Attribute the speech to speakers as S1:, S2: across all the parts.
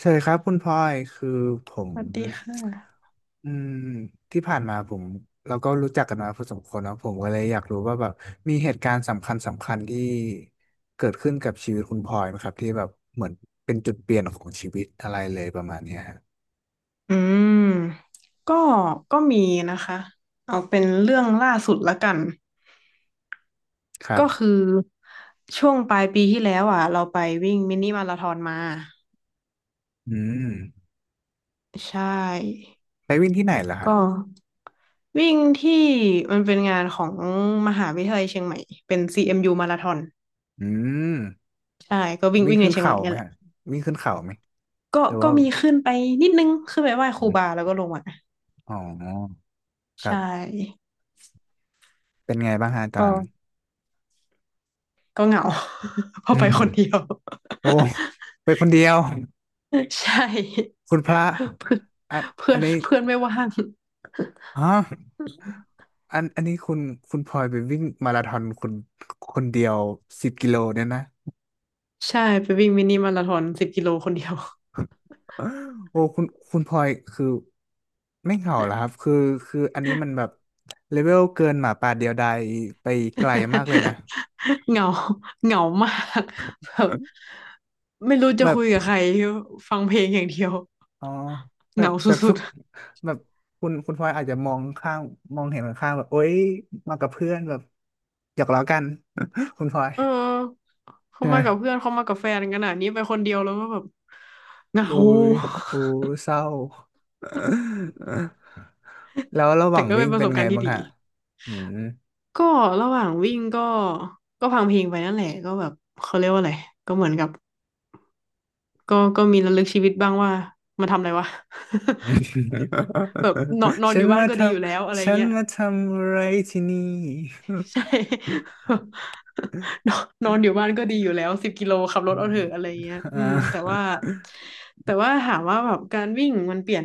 S1: ใช่ครับคุณพลอยคือผม
S2: สวัสดีค่ะ
S1: อืมที่ผ่านมาเราก็รู้จักกันมาพอสมควรเนอะผมก็เลยอยากรู้ว่าแบบมีเหตุการณ์สำคัญสำคัญที่เกิดขึ้นกับชีวิตคุณพลอยไหมครับที่แบบเหมือนเป็นจุดเปลี่ยนของชีวิตอะไรเลยประมาณเนี้ยฮะ
S2: อืม ก็ก็มีนะคะเอาเป็นเรื่องล่าสุดละกัน
S1: ครั
S2: ก็
S1: บ
S2: คือช่วงปลายปีที่แล้วอ่ะ เราไปวิ่งมินิมาราธอนมา
S1: อืม
S2: ใช่
S1: ไปวิ่งที่ไหนล่ะฮะ
S2: ก็วิ่งที่มันเป็นงานของมหาวิทยาลัยเชียงใหม่ เป็น CMU มยูมาราธอน
S1: อืม
S2: ใช่ ก็วิ่ง
S1: วิ่ง
S2: วิ่งใน
S1: ขึ้น
S2: เชียงให
S1: เขา
S2: ม่
S1: ไห
S2: เนี่
S1: ม
S2: ยแหละ
S1: ฮะวิ่งขึ้นเขาไหม
S2: ก็
S1: แต่
S2: ก็
S1: ว่า
S2: มีขึ้นไปนิดนึง ขึ้นไปไหว้ค
S1: อ
S2: รู
S1: ม
S2: บาแล้วก็ลงมา
S1: อ๋อค
S2: ใช
S1: รับ
S2: ่
S1: เป็นไงบ้างฮะตอน
S2: ก็
S1: นั้น
S2: ก็เหงา เพอ
S1: อื
S2: ไป
S1: ม
S2: คนเดียว
S1: โอ้ไปคนเดียว
S2: ใช่
S1: คุณพระ
S2: เพื่อน
S1: อัน
S2: เพื่
S1: อั
S2: อ
S1: น
S2: น
S1: นี้
S2: เพื่อนไม่ว่าง
S1: ฮะอันนี้คุณพลอยไปวิ่งมาราธอนคนเดียว10 กิโลเนี่ยนะ
S2: ใช่ไปวิ่งมินิมาราธอนสิบกิโลคนเดียว
S1: โอ้คุณพลอยคือไม่เหงาเหรอครับคืออันนี้มันแบบเลเวลเกินหมาป่าเดียวดายไปไกลมากเลยนะ
S2: เหงาเหงามากแบบไม่รู้จะ
S1: แบบ
S2: คุยกับใครฟังเพลงอย่างเดียว
S1: อ๋อแบ
S2: เห
S1: บ
S2: งาส
S1: แบบ
S2: ุ
S1: ทุ
S2: ด
S1: กแบบคุณพลอยอาจจะมองข้างมองเห็นข้างแบบโอ๊ยมากับเพื่อนแบบหยอกล้อกัน คุณพลอย
S2: ๆเออเขา
S1: ใช่ไหม
S2: มากับเพื่อนเขามากับแฟนกันอ่ะนี่ไปคนเดียวแล้วก็แบบเหงา
S1: อุ้ยอู้เศร้า แล้วระห
S2: แต่
S1: ว่าง
S2: ก็
S1: วิ่
S2: เป็น
S1: ง
S2: ประ
S1: เป็
S2: ส
S1: น
S2: บ
S1: ไง
S2: การณ์ที่
S1: บ้าง
S2: ดี
S1: ฮะอืม
S2: ก็ระหว่างวิ่งก็ฟังเพลงไปนั่นแหละก็แบบเขาเรียกว่าอะไรก็เหมือนกับ ก็มีระลึกชีวิตบ้างว่ามาทำอะไรวะ แบบนอน นอน
S1: ฉั
S2: อ
S1: น
S2: ยู่บ้าน
S1: มา
S2: ก็
S1: ท
S2: ดีอยู่แล้วอะไร
S1: ฉัน
S2: เงี้ย
S1: มาทำอะไรที่นี่
S2: ใช่ นอนนอนอยู่บ้านก็ดีอยู่แล้วสิบกิโลขับร
S1: อื
S2: ถ
S1: ม
S2: เอาเถอะอะไรเงี้ย
S1: อ่
S2: แต่ว่า
S1: า
S2: แต่ว่าถามว่าแบบการวิ่งมันเปลี่ยน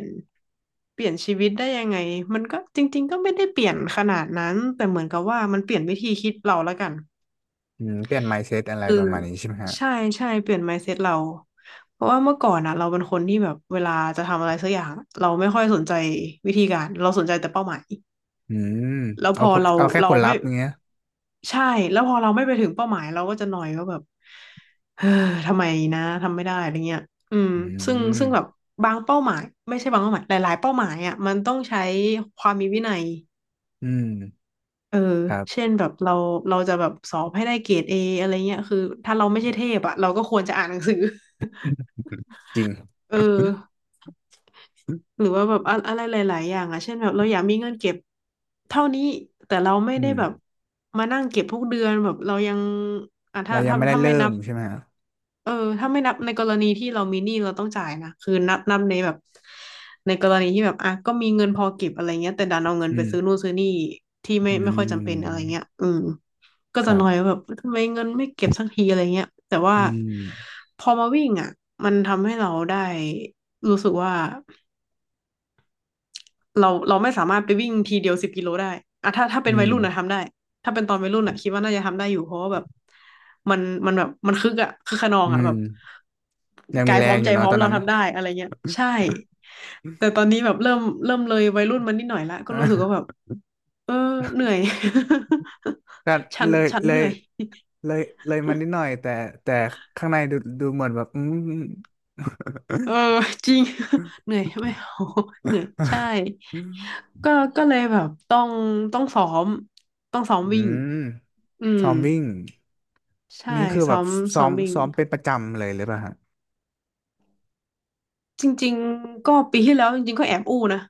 S2: เปลี่ยนชีวิตได้ยังไงมันก็จริงๆก็ไม่ได้เปลี่ยนขนาดนั้นแต่เหมือนกับว่ามันเปลี่ยนวิธีคิดเราละกัน
S1: เปลี่ยน mindset อะไร
S2: คือ
S1: ประมาณนี้ใช่ไหมฮะ
S2: ใช่ใช่เปลี่ยน mindset เราเพราะว่าเมื่อก่อนนะเราเป็นคนที่แบบเวลาจะทำอะไรสักอย่างเราไม่ค่อยสนใจวิธีการเราสนใจแต่เป้าหมาย
S1: อืม
S2: แล้วพอเรา
S1: เอาแค่ผ
S2: เรา
S1: ลลั
S2: ไม่
S1: พธ์เงี้ย
S2: ใช่แล้วพอเราไม่ไปถึงเป้าหมายเราก็จะหน่อยว่าแบบเออทำไมนะทำไม่ได้อะไรเงี้ยอืม
S1: อื
S2: ซึ่ง
S1: ม
S2: ซึ่งแบบบางเป้าหมายไม่ใช่บางเป้าหมายหลายๆเป้าหมายอ่ะมันต้องใช้ความมีวินัย
S1: อืม
S2: เออ
S1: ครั
S2: เช่
S1: บ
S2: นแบบเราจะแบบสอบให้ได้เกรดเออะไรเงี้ยคือถ้าเราไม่ใช่เทพอะเราก็ควรจะอ่านหนังสือ
S1: จริง
S2: เออหรือว่าแบบอะอะไรหลายๆอย่างอะเช่นแบบเราอยากมีเงินเก็บเท่านี้แต่เราไม่
S1: อื
S2: ได้
S1: ม
S2: แบบมานั่งเก็บทุกเดือนแบบเรายังอ่ะถ้า
S1: เรายัง
S2: ถ้า
S1: ไม่ได้
S2: ถ้า
S1: เริ่
S2: ไม่นั
S1: ม
S2: บ
S1: ใช่ไหมฮะ
S2: เออถ้าไม่นับในกรณีที่เรามีหนี้เราต้องจ่ายนะคือนับในแบบในกรณีที่แบบอ่ะก็มีเงินพอเก็บอะไรเงี้ยแต่ดันเอาเงิน
S1: อื
S2: ไปซื้อนู่
S1: ม
S2: นซื้อนี่ที่ไม่
S1: อื
S2: ไม่ค่อยจำเป็นอะไร
S1: ม
S2: เงี้ยก็
S1: ค
S2: จะ
S1: รั
S2: น้อย
S1: บ
S2: ว่าแบบทำไมเงินไม่เก็บสักทีอะไรเงี้ยแต่ว่า
S1: อืม
S2: พอมาวิ่งอ่ะมันทำให้เราได้รู้สึกว่า เราไม่สามารถไปวิ่งทีเดียวสิบกิโลได้อะถ้า
S1: อื
S2: เป็นวัย
S1: ม
S2: รุ่นนะทำได้ถ้าเป็นตอนวัยรุ่นอะคิดว่าน่าจะทำได้อยู่เพราะว่าแบบมันมันแบบมันคึกอะคึกขนอง
S1: อื
S2: อะ
S1: ม
S2: แบบ
S1: ยังมี
S2: กาย
S1: แร
S2: พร้อ
S1: ง
S2: ม
S1: อ
S2: ใจ
S1: ยู่
S2: พ
S1: เนาะ
S2: ร้อ
S1: ต
S2: ม
S1: อน
S2: เรา
S1: นั้นนะ
S2: ทำได้อะไรเงี้ยใช่ แต่ตอนนี้แบบเริ่มเลยวัยรุ่นมันนิดหน่อยละก็
S1: อ่
S2: รู้สึกว่าแบบ
S1: ะ
S2: เออเหนื่อย
S1: ก็
S2: ฉัน
S1: เลย
S2: ฉัน
S1: เล
S2: เห
S1: ย
S2: นื่อย
S1: เลยเลยมันนิดหน่อยแต่ข้างในดูเหมือนแบบ
S2: เออ จริง เหนื่อยไม่เอา เหนื่อยใช่ ก็ก็เลยแบบต้องซ้อม
S1: อื
S2: วิ่ง
S1: ม
S2: อืม
S1: ซ้อมวิ่ง
S2: ใช่
S1: นี่คือแบ
S2: ซ้อ
S1: บ
S2: ม
S1: ซ้
S2: ซ้
S1: อ
S2: อม
S1: ม
S2: วิ่ง
S1: ซ้อมเป็นประจำเลยหรือเปล่าฮะ
S2: จริงๆก็ปีที่แล้วจริงๆก็แอบอู้นะ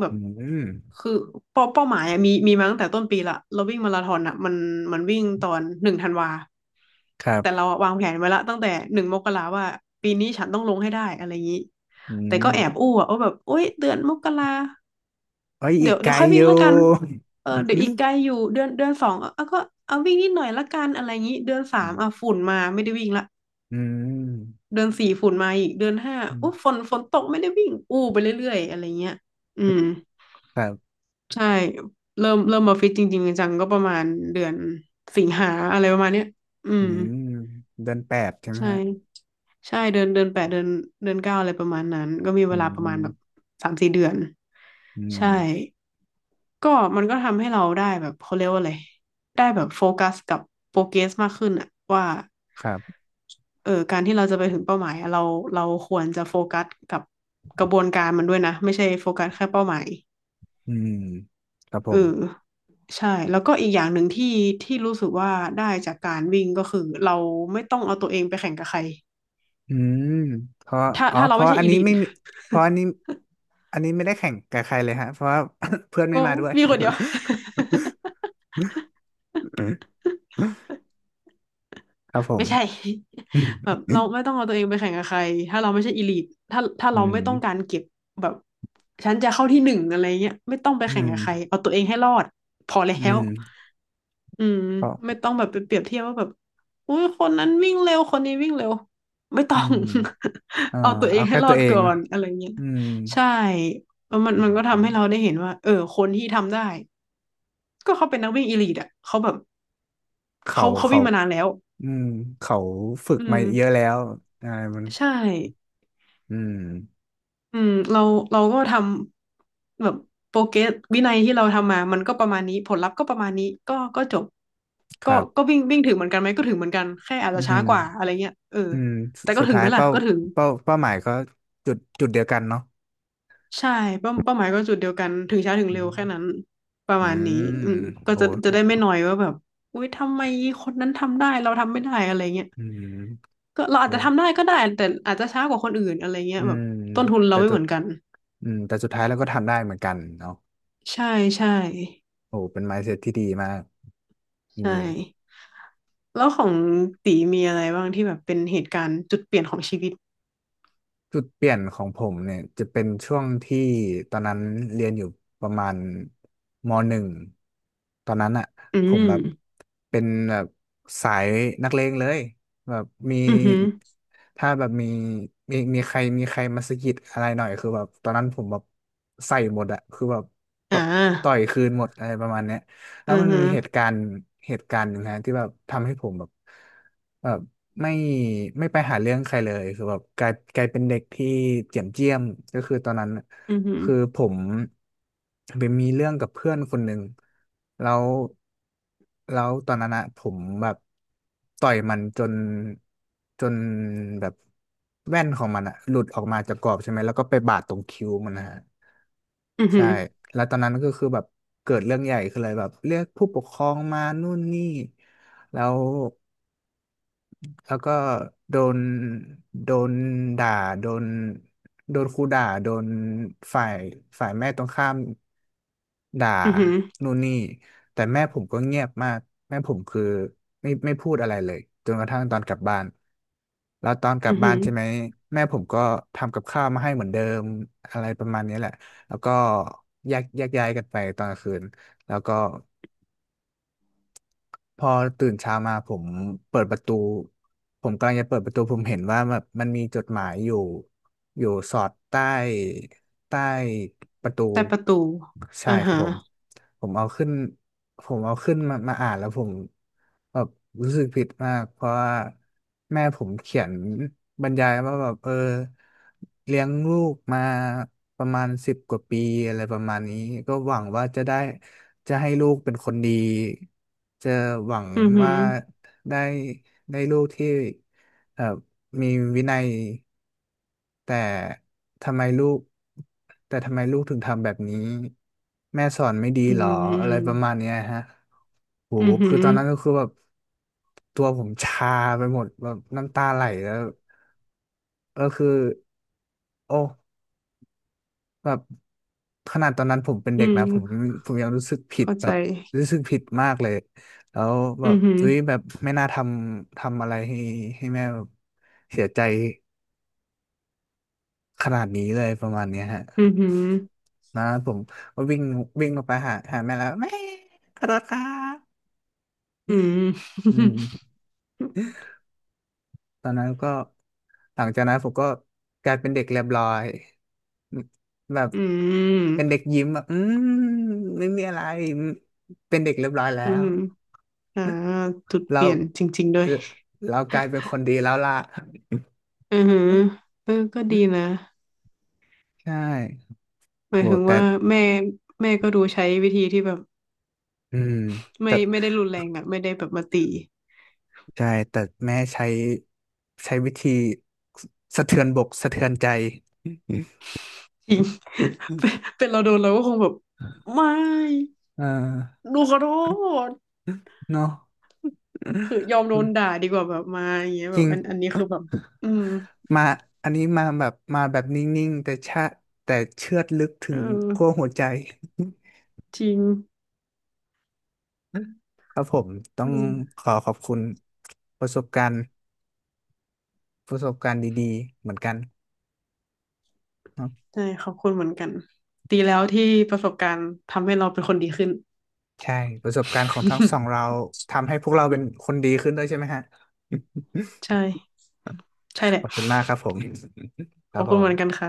S2: แบบ
S1: อืม
S2: คือเป้าหมายอะมีมาตั้งแต่ต้นปีละเราวิ่งมาราธอนอะมันวิ่งตอน1 ธันวา
S1: ครั
S2: แต่เรา
S1: บ
S2: อะวางแผนไว้ละตั้งแต่1 มกราว่าปีนี้ฉันต้องลงให้ได้อะไรอย่างนี้
S1: อื
S2: แต่
S1: ม
S2: ก็แอบอู้อะว่าแบบโอ๊ยเดือนมกรา
S1: เอ้ยอี
S2: เดี๋
S1: ก
S2: ยว
S1: ไก
S2: เดี๋ย
S1: ล
S2: วค่อย
S1: อ
S2: วิ่
S1: ยู่
S2: งละกันเอ อเดี๋ย
S1: อื
S2: วอี
S1: ม
S2: กไกลอยู่เดือนสองเอาก็เอาวิ่งนิดหน่อยละกันอะไรงี้เดือนสามอ่ะฝุ่นมาไม่ได้วิ่งละ
S1: อืม
S2: เดือนสี่ฝุ่นมาอีกเดือนห้า
S1: อื
S2: อุ๊ยฝ
S1: ม
S2: นฝนตกไม่ได้วิ่งอู้ไปเรื่อยๆอะไรเงี้ยอืม
S1: ครับ
S2: ใช่เริ่มมาฟิตจริงๆจังๆก็ประมาณเดือนสิงหาอะไรประมาณเนี้ยอื
S1: อื
S2: ม
S1: มเดือนแปดใช่ไหม
S2: ใช่
S1: ฮะ
S2: ใช่เดือนแปดเดือนเก้าอะไรประมาณนั้นก็มี
S1: อื
S2: เวลาประมาณแบบ
S1: ม
S2: สามสี่เดือน
S1: อืม
S2: ใช่ก็มันก็ทำให้เราได้แบบเขาเรียกว่าอะไรได้แบบโฟกัสกับโปรเกรสมากขึ้นอะว่า
S1: ครับ
S2: เออการที่เราจะไปถึงเป้าหมายอะเราควรจะโฟกัสกับกระบวนการมันด้วยนะไม่ใช่โฟกัสแค่เป้าหมาย
S1: อืมครับผ
S2: เอ
S1: ม
S2: อใช่แล้วก็อีกอย่างหนึ่งที่ที่รู้สึกว่าได้จากการวิ่งก็คือเราไม่ต้องเอาตัวเองไปแข่งกับใคร
S1: อืมเพราะ
S2: ถ้า
S1: อ๋อ
S2: ถ้าเรา
S1: เพ
S2: ไม่
S1: ราะ
S2: ใช่
S1: อัน
S2: อี
S1: นี้
S2: ลิท
S1: ไม่มีเพราะอันนี้อันนี้ไม่ได้แข่งกับใครเลยฮะเพราะว่า เพื่อนไม่
S2: โอ้
S1: มาด้วย
S2: มีคนเดียว
S1: ครับผม
S2: ไม่ใช่
S1: อื
S2: แบ
S1: ม
S2: บเราไม่ต้องเอาตัวเองไปแข่งกับใครถ้าเราไม่ใช่อีลิทถ้า
S1: อื
S2: เราไม่ต้องการเก็บแบบฉันจะเข้าที่หนึ่งอะไรเงี้ยไม่ต้องไป
S1: ม
S2: แข่งกับใครเอาตัวเองให้รอดพอแล้
S1: อื
S2: ว
S1: ม
S2: อืม
S1: เพราะ
S2: ไม่ต้องแบบไปเปรียบเทียบว่าแบบอุ้ยคนนั้นวิ่งเร็วคนนี้วิ่งเร็วไม่ต้
S1: อื
S2: อง
S1: มอ่า
S2: เอาตัวเอ
S1: เอา
S2: งให้
S1: แค่
S2: รอ
S1: ตัว
S2: ด
S1: เอ
S2: ก่
S1: ง
S2: อนอะไรเงี้ย
S1: อืม
S2: ใช่เออมัน
S1: อ
S2: มันก็
S1: ื
S2: ทำให้เรา
S1: ม
S2: ได้เห็นว่าเออคนที่ทำได้ก็เขาเป็นนักวิ่งอีลิทอ่ะเขาแบบ เขา
S1: เขา
S2: วิ่งมานานแล้ว
S1: อืมเขาฝึก
S2: อื
S1: มาเยอะ
S2: ม
S1: แล้วอะไรมัน
S2: ใช่
S1: อืม
S2: อืมเราก็ทำแบบโปรเกรสวินัยที่เราทำมามันก็ประมาณนี้ผลลัพธ์ก็ประมาณนี้ก็จบ
S1: ค
S2: ก็
S1: รั
S2: ก็
S1: บ
S2: วิ่งวิ่งถึงเหมือนกันไหมก็ถึงเหมือนกันแค่อาจ
S1: อื
S2: จะ
S1: ม
S2: ช้ากว่าอะไรเงี้ยเออ
S1: อืม
S2: แต่ก็
S1: สุด
S2: ถึง
S1: ท้า
S2: ไห
S1: ย
S2: มล่ะก็ถึง
S1: เป้าหมายก็จุดเดียวกันเนาะ
S2: ใช่เป้าหมายก็จุดเดียวกันถึงช้าถึง
S1: อื
S2: เร็ว
S1: ม
S2: แค่นั้นประ
S1: อื
S2: มาณนี้
S1: ม
S2: อืมก็
S1: โอ้
S2: จะได้ไม่นอยว่าแบบอุ้ยทำไมคนนั้นทำได้เราทำไม่ได้อะไรเงี้ย
S1: อืม
S2: ก็เราอาจ
S1: โอ้
S2: จะทำได้ก็ได้แต่อาจจะช้ากว่าคนอื่นอะไรเงี้
S1: อื
S2: ยแบบ
S1: ม
S2: ต้นทุนเรา
S1: แต่
S2: ไม่
S1: ตัว
S2: เหมือนกัน
S1: แต่สุดท้ายเราก็ทำได้เหมือนกันเนาะ
S2: ใช่ใช่
S1: โอ้เป็น mindset ที่ดีมากจ
S2: ใช่
S1: ริง
S2: แล้วของตีมีอะไรบ้างที่แบบเป็นเหตุการณ์จุดเปลี่ยนของชีวิต
S1: จุดเปลี่ยนของผมเนี่ยจะเป็นช่วงที่ตอนนั้นเรียนอยู่ประมาณม.1ตอนนั้นอ่ะ
S2: อื
S1: ผม
S2: ม
S1: แบบเป็นแบบสายนักเลงเลยแบบมี
S2: อือหือ
S1: ถ้าแบบมีมีใครมาสะกิดอะไรหน่อยคือแบบตอนนั้นผมแบบใส่หมดอ่ะคือแบบต
S2: อ่า
S1: ต่อยคืนหมดอะไรประมาณเนี้ย แล้
S2: อื
S1: ว
S2: อ
S1: มัน
S2: หื
S1: มี
S2: อ
S1: เหตุการณ์หนึ่งฮะที่แบบทำให้ผมแบบแบบไม่ไม่ไปหาเรื่องใครเลยคือแบบกลายเป็นเด็กที่เจียมก็คือตอนนั้น
S2: อือหือ
S1: คือผมไปมีเรื่องกับเพื่อนคนหนึ่งแล้วแล้วตอนนั้นอะผมแบบต่อยมันจนแบบแว่นของมันอะหลุดออกมาจากกรอบใช่ไหมแล้วก็ไปบาดตรงคิ้วมันนะฮะ
S2: อือหื
S1: ใช่
S2: อ
S1: แล้วตอนนั้นก็คือแบบเกิดเรื่องใหญ่คือเลยแบบเรียกผู้ปกครองมานู่นนี่ แล้วแล้วก็โดนโดนด่าโดนโดนครูด่าโดนฝ่ายฝ่ายแม่ตรงข้าม ด่า
S2: อือหือ
S1: นู่นนี่แต่แม่ผมก็เงียบมากแม่ผมคือไม่พูดอะไรเลยจนกระทั่งตอนกลับบ้านแล้วตอนกลั
S2: อื
S1: บ
S2: อ
S1: บ้า
S2: หื
S1: น
S2: อ
S1: ใช่ไหมแม่ผมก็ทำกับข้าวมาให้เหมือนเดิมอะไรประมาณนี้แหละแล้วก็แยกย้ายกันไปตอนกลางคืนแล้วก็พอตื่นเช้ามาเปิดประตูผมกำลังจะเปิดประตูผมเห็นว่าแบบมันมีจดหมายอยู่สอดใต้ประตู
S2: แต่ประตู
S1: ใช่
S2: อ่า
S1: ครับ
S2: ฮะ
S1: ผม ผมเอาขึ้นผมเอาขึ้นมาอ่านแล้วผมแบบรู้สึกผิดมากเพราะว่าแม่ผมเขียนบรรยายว่าแบบเลี้ยงลูกมาประมาณ10 กว่าปีอะไรประมาณนี้ก็หวังว่าจะให้ลูกเป็นคนดีจะหวัง
S2: อือหื
S1: ว่า
S2: อ
S1: ได้ได้ลูกที่ มีวินัยแต่ทำไมลูกแต่ทำไมลูกถึงทำแบบนี้แม่สอนไม่ดี
S2: อื
S1: หรออะไรป
S2: ม
S1: ระมาณเนี้ยฮะโห
S2: อือหื
S1: คือ
S2: อ
S1: ตอนนั้นก็คือแบบตัวผมชาไปหมดแบบน้ำตาไหลแล้วก็คือโอ้แบบขนาดตอนนั้นผมเป็น
S2: อื
S1: เด็กนะ
S2: ม
S1: ผมยังรู้สึกผิด
S2: เข้า
S1: แบ
S2: ใจ
S1: บรู้สึกผิดมากเลยแล้วแบ
S2: อื
S1: บ
S2: อหือ
S1: อุ้ยแบบไม่น่าทำอะไรให้แม่แบบเสียใจ ขนาดนี้เลยประมาณเนี้ยฮะ
S2: อือหือ
S1: นะผมก็วิ่งวิ่งลงไปหาแม่แล้วแม่ขอโทษครับ
S2: อืม
S1: อืมตอนนั้นก็หลังจากนั้นผมก็กลายเป็นเด็กเรียบร้อยแบบ
S2: อืม
S1: เป็นเด็กยิ้มแบบมไม่มีอะไรอืมเป็นเด็กเรียบร้อยแล้
S2: อื
S1: ว
S2: ม อ่าจุดเป
S1: เรา
S2: ลี่ยนจริงๆด้ว
S1: เอ่
S2: ย
S1: อเรากลายเป็นคนดีแล้วล่ะ
S2: อือหือ
S1: อื
S2: เออก็ดี
S1: ม
S2: นะ
S1: ใช่
S2: หมา
S1: โอ้
S2: ยถึง
S1: แต่
S2: ว่าแม่แม่ก็ดูใช้วิธีที่แบบ
S1: อืมแต่
S2: ไม่ได้รุนแรงอะไม่ได้แบบมาตี
S1: ใช่แต่แม่ใช้วิธีสะเทือนบกสะเทือนใจ
S2: จริง เป็นเราโดนเราก็คงแบบไม่
S1: เออ
S2: หนูขอโทษ
S1: เนาะ
S2: คือยอมโดนด่าดีกว่าแบบมาอย่างเงี้ย
S1: จ
S2: แบ
S1: ริ
S2: บ
S1: ง
S2: อันนี้คือแบบอืม
S1: มาอันนี้มาแบบมาแบบนิ่งๆแต่เชือดลึกถึ
S2: เอ
S1: ง
S2: อ
S1: ขั้วหัวใจ
S2: จริง
S1: ครับผมต้อ
S2: อื
S1: ง
S2: ม
S1: ขอบคุณประสบการณ์ประสบการณ์ดีๆเหมือนกันเนาะ
S2: ใช่ขอบคุณเหมือนกันดีแล้วที่ประสบการณ์ทำให้เราเป็นคนดีขึ้น
S1: ใช่ประสบการณ์ของทั้งสองเราทำให้พวกเราเป็นคนดีขึ้นด้วยใช่ไหมฮะ
S2: ใช่ใช่แห
S1: ข
S2: ละ
S1: อบคุณมากครับผม ค
S2: ข
S1: รั
S2: อ
S1: บ
S2: บ
S1: ผ
S2: คุณเหมือนกัน
S1: ม
S2: ค่ะ